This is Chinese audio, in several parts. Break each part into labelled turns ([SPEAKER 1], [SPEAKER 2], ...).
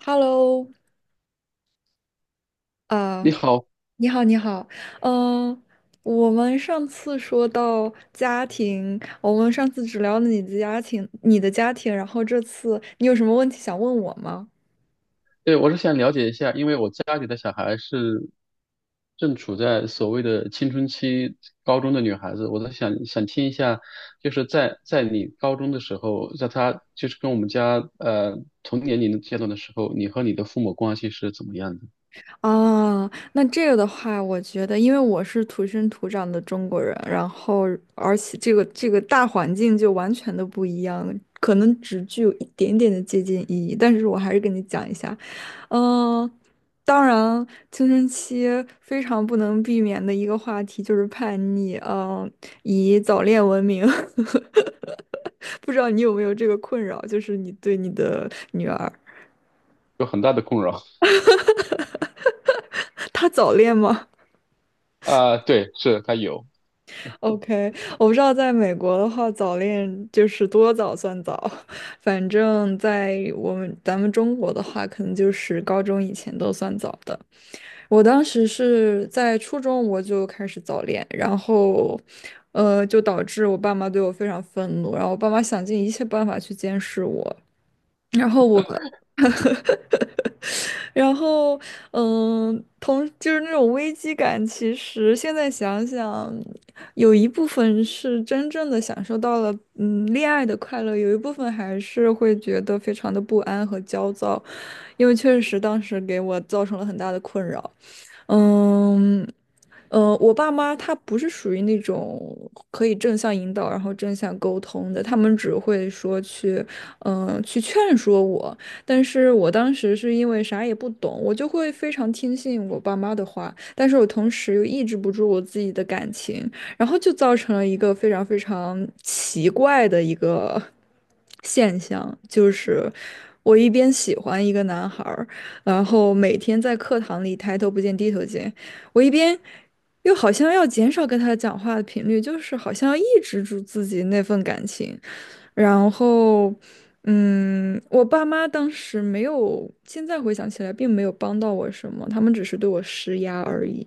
[SPEAKER 1] Hello，啊，
[SPEAKER 2] 你好。
[SPEAKER 1] 你好，你好，嗯、我们上次说到家庭，我们上次只聊了你的家庭，然后这次你有什么问题想问我吗？
[SPEAKER 2] 对，我是想了解一下，因为我家里的小孩是正处在所谓的青春期，高中的女孩子，我在想听一下，就是在你高中的时候，在她就是跟我们家同年龄阶段的时候，你和你的父母关系是怎么样的？
[SPEAKER 1] 啊，那这个的话，我觉得，因为我是土生土长的中国人，然后而且这个大环境就完全的不一样，可能只具有一点点的借鉴意义，但是我还是跟你讲一下，嗯、当然，青春期非常不能避免的一个话题就是叛逆，以早恋闻名。不知道你有没有这个困扰，就是你对你的女儿，
[SPEAKER 2] 有很大的困扰。
[SPEAKER 1] 她早恋吗？
[SPEAKER 2] 啊，对，是她有。
[SPEAKER 1] OK，我不知道在美国的话，早恋就是多早算早，反正在咱们中国的话，可能就是高中以前都算早的。我当时是在初中我就开始早恋，然后，就导致我爸妈对我非常愤怒，然后我爸妈想尽一切办法去监视我，然后我。然后，就是那种危机感。其实现在想想，有一部分是真正的享受到了恋爱的快乐，有一部分还是会觉得非常的不安和焦躁，因为确实当时给我造成了很大的困扰。嗯，我爸妈他不是属于那种可以正向引导，然后正向沟通的，他们只会说去，去劝说我。但是我当时是因为啥也不懂，我就会非常听信我爸妈的话，但是我同时又抑制不住我自己的感情，然后就造成了一个非常非常奇怪的一个现象，就是我一边喜欢一个男孩儿，然后每天在课堂里抬头不见低头见。我一边又好像要减少跟他讲话的频率，就是好像要抑制住自己那份感情。然后，我爸妈当时没有，现在回想起来并没有帮到我什么，他们只是对我施压而已。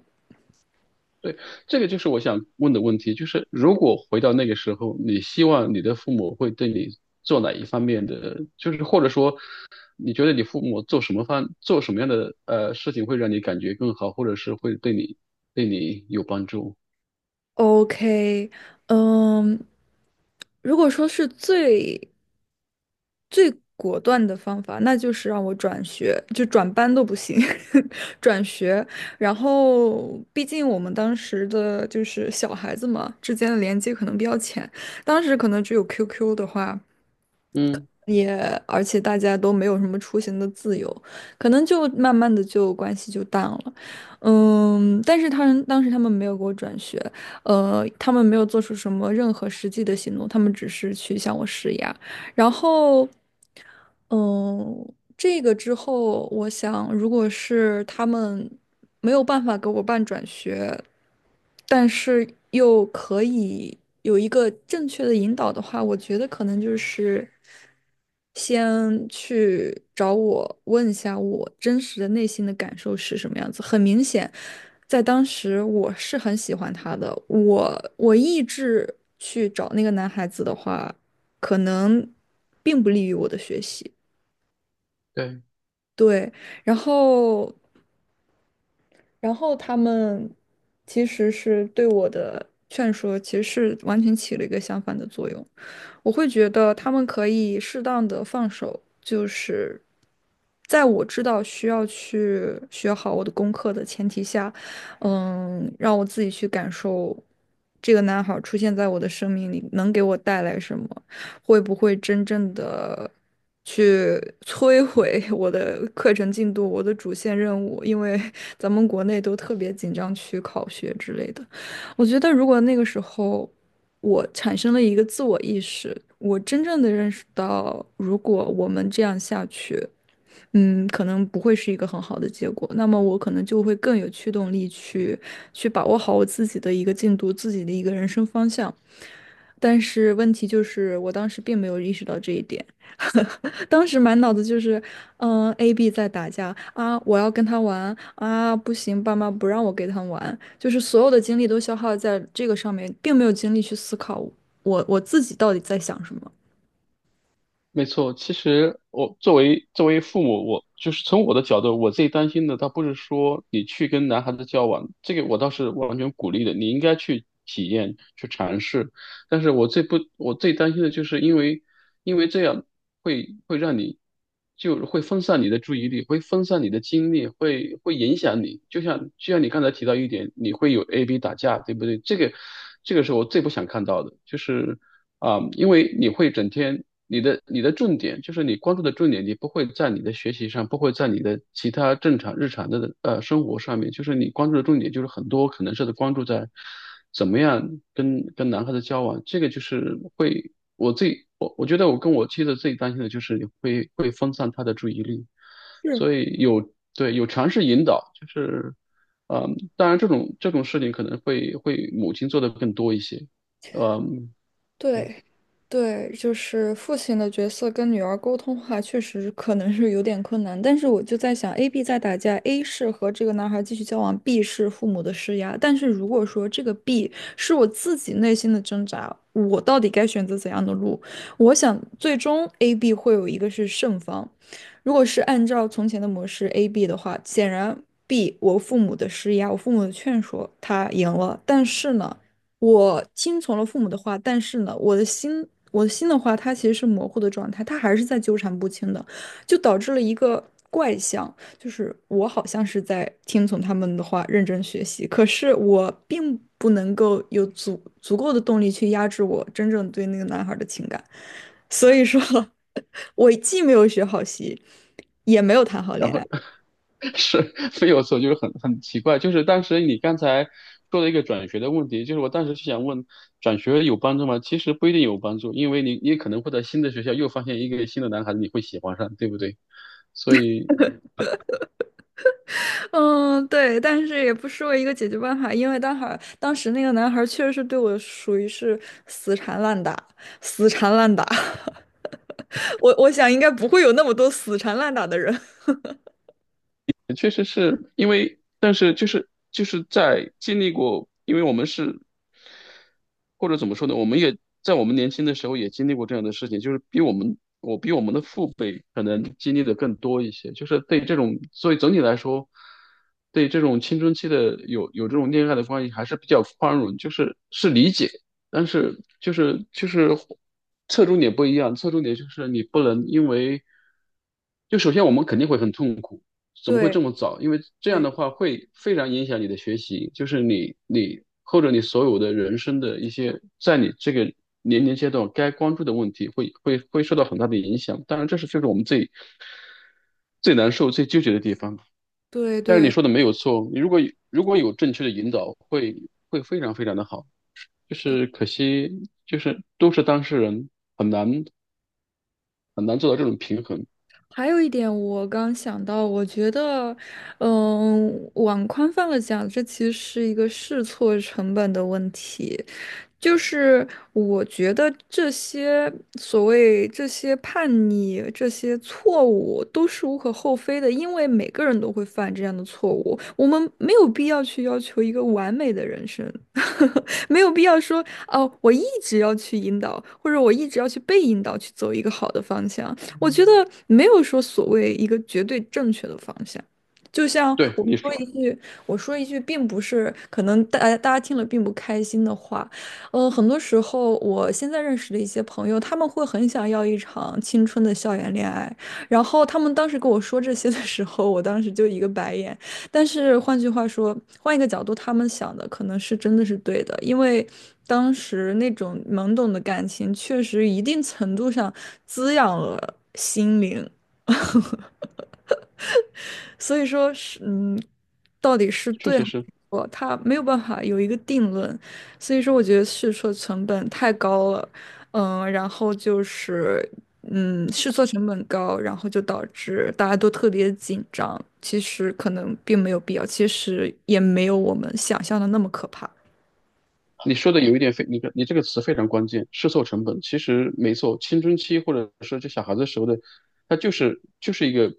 [SPEAKER 2] 对，这个就是我想问的问题，就是如果回到那个时候，你希望你的父母会对你做哪一方面的，就是或者说你觉得你父母做什么样的事情会让你感觉更好，或者是会对你对你有帮助？
[SPEAKER 1] OK,嗯，如果说是最最果断的方法，那就是让我转学，就转班都不行。转学。然后，毕竟我们当时的就是小孩子嘛，之间的连接可能比较浅，当时可能只有 QQ 的话，
[SPEAKER 2] 嗯，
[SPEAKER 1] 也而且大家都没有什么出行的自由，可能就慢慢的就关系就淡了。但是他们当时没有给我转学，他们没有做出什么任何实际的行动，他们只是去向我施压。然后，嗯，这个之后，我想，如果是他们没有办法给我办转学，但是又可以有一个正确的引导的话，我觉得可能就是先去找我问一下我真实的内心的感受是什么样子。很明显，在当时我是很喜欢他的，我一直去找那个男孩子的话，可能并不利于我的学习。
[SPEAKER 2] 对。
[SPEAKER 1] 对，然后，他们其实是对我的劝说，其实是完全起了一个相反的作用。我会觉得他们可以适当的放手，就是在我知道需要去学好我的功课的前提下，让我自己去感受这个男孩儿出现在我的生命里能给我带来什么，会不会真正的去摧毁我的课程进度、我的主线任务，因为咱们国内都特别紧张去考学之类的。我觉得如果那个时候，我产生了一个自我意识，我真正的认识到，如果我们这样下去，可能不会是一个很好的结果。那么我可能就会更有驱动力去去把握好我自己的一个进度，自己的一个人生方向。但是问题就是，我当时并没有意识到这一点。当时满脑子就是，A、B 在打架啊，我要跟他玩啊，不行，爸妈不让我跟他玩。就是所有的精力都消耗在这个上面，并没有精力去思考我自己到底在想什么。
[SPEAKER 2] 没错，其实我作为作为父母，我就是从我的角度，我最担心的，倒不是说你去跟男孩子交往，这个我倒是完全鼓励的，你应该去体验、去尝试。但是我最不，我最担心的就是因为，因为这样会会让你，就会分散你的注意力，会分散你的精力，会会影响你。就像就像你刚才提到一点，你会有 A B 打架，对不对？这个这个是我最不想看到的，就是。啊，因为你会整天，你的你的重点就是你关注的重点，你不会在你的学习上，不会在你的其他正常日常的生活上面，就是你关注的重点就是很多可能是关注在怎么样跟跟男孩子交往，这个就是会我自己我我觉得我跟我妻子最担心的就是你会会分散她的注意力，
[SPEAKER 1] 是。
[SPEAKER 2] 所以有尝试引导，就是当然这种这种事情可能会会母亲做的更多一些，嗯。
[SPEAKER 1] 对，对，就是父亲的角色跟女儿沟通的话，确实可能是有点困难。但是我就在想，A、B 在打架，A 是和这个男孩继续交往，B 是父母的施压。但是如果说这个 B 是我自己内心的挣扎，我到底该选择怎样的路？我想最终 A、B 会有一个是胜方。如果是按照从前的模式 A、B 的话，显然 B 我父母的施压，我父母的劝说，他赢了。但是呢？我听从了父母的话，但是呢，我的心，我的心的话，它其实是模糊的状态，它还是在纠缠不清的，就导致了一个怪象，就是我好像是在听从他们的话，认真学习，可是我并不能够有足够的动力去压制我真正对那个男孩的情感，所以说，我既没有学好习，也没有谈好
[SPEAKER 2] 然
[SPEAKER 1] 恋
[SPEAKER 2] 后
[SPEAKER 1] 爱。
[SPEAKER 2] 是非有错，就是很很奇怪，就是当时你刚才说了一个转学的问题，就是我当时是想问，转学有帮助吗？其实不一定有帮助，因为你你可能会在新的学校又发现一个新的男孩子，你会喜欢上，对不对？所以
[SPEAKER 1] 嗯，对，但是也不失为一个解决办法，因为当时那个男孩确实是对我属于是死缠烂打，死缠烂打。我想应该不会有那么多死缠烂打的人。
[SPEAKER 2] 确实是因为，但是就是在经历过，因为我们是或者怎么说呢，我们也在我们年轻的时候也经历过这样的事情，就是比我们我比我们的父辈可能经历的更多一些，就是对这种，所以总体来说，对这种青春期的有有这种恋爱的关系还是比较宽容，就是是理解，但是就是侧重点不一样，侧重点就是你不能因为。就首先我们肯定会很痛苦，怎么会
[SPEAKER 1] 对
[SPEAKER 2] 这么早？因为这样的
[SPEAKER 1] 对
[SPEAKER 2] 话会非常影响你的学习，就是你你或者你所有的人生的一些，在你这个年龄阶段该关注的问题会，会会受到很大的影响。当然，这是就是我们最最难受、最纠结的地方。
[SPEAKER 1] 对
[SPEAKER 2] 但是你
[SPEAKER 1] 对，
[SPEAKER 2] 说的没有错，你如果如果有正确的引导，会会非常非常的好。就是可惜，就是都是当事人，很难很难做到这种平衡。
[SPEAKER 1] 还有一点，我刚想到，我觉得，往宽泛了讲，这其实是一个试错成本的问题。就是我觉得所谓这些叛逆、这些错误都是无可厚非的，因为每个人都会犯这样的错误，我们没有必要去要求一个完美的人生。没有必要说哦，我一直要去引导，或者我一直要去被引导去走一个好的方向。我觉得没有说所谓一个绝对正确的方向，就像
[SPEAKER 2] 对，
[SPEAKER 1] 我
[SPEAKER 2] 你
[SPEAKER 1] 说
[SPEAKER 2] 说
[SPEAKER 1] 一句，我说一句，并不是可能大家听了并不开心的话，很多时候我现在认识的一些朋友，他们会很想要一场青春的校园恋爱，然后他们当时跟我说这些的时候，我当时就一个白眼。但是换句话说，换一个角度，他们想的可能是真的是对的，因为当时那种懵懂的感情，确实一定程度上滋养了心灵。所以说是，到底是
[SPEAKER 2] 确
[SPEAKER 1] 对
[SPEAKER 2] 实
[SPEAKER 1] 还是
[SPEAKER 2] 是。
[SPEAKER 1] 错，他没有办法有一个定论。所以说，我觉得试错成本太高了，然后就是，试错成本高，然后就导致大家都特别紧张。其实可能并没有必要，其实也没有我们想象的那么可怕。
[SPEAKER 2] 你说的有一点非，你看你这个词非常关键，试错成本。其实没错，青春期或者说这小孩子时候的，他就是一个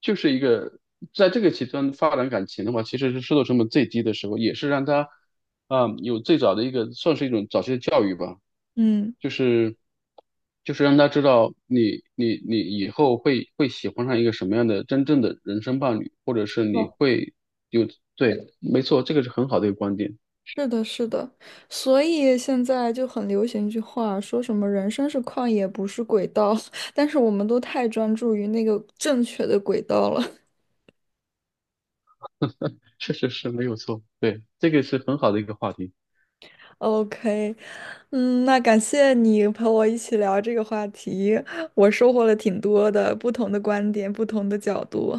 [SPEAKER 2] 就是一个在这个极端发展感情的话，其实是试错成本最低的时候，也是让他有最早的一个算是一种早期的教育吧，
[SPEAKER 1] 嗯，
[SPEAKER 2] 就是就是让他知道你你你以后会会喜欢上一个什么样的真正的人生伴侣，或者是
[SPEAKER 1] 哦，
[SPEAKER 2] 你会对，没错，这个是很好的一个观点。
[SPEAKER 1] 是的，是的，所以现在就很流行一句话，说什么"人生是旷野，不是轨道"。但是我们都太专注于那个正确的轨道了。
[SPEAKER 2] 确实是没有错，对，这个是很好的一个话题，
[SPEAKER 1] OK,那感谢你陪我一起聊这个话题，我收获了挺多的不同的观点，不同的角度。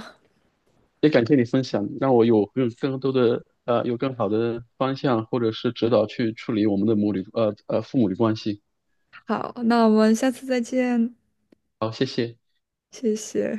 [SPEAKER 2] 也感谢你分享，让我有更更多的有更好的方向或者是指导去处理我们的母女父母的关系。
[SPEAKER 1] 好，那我们下次再见，谢谢。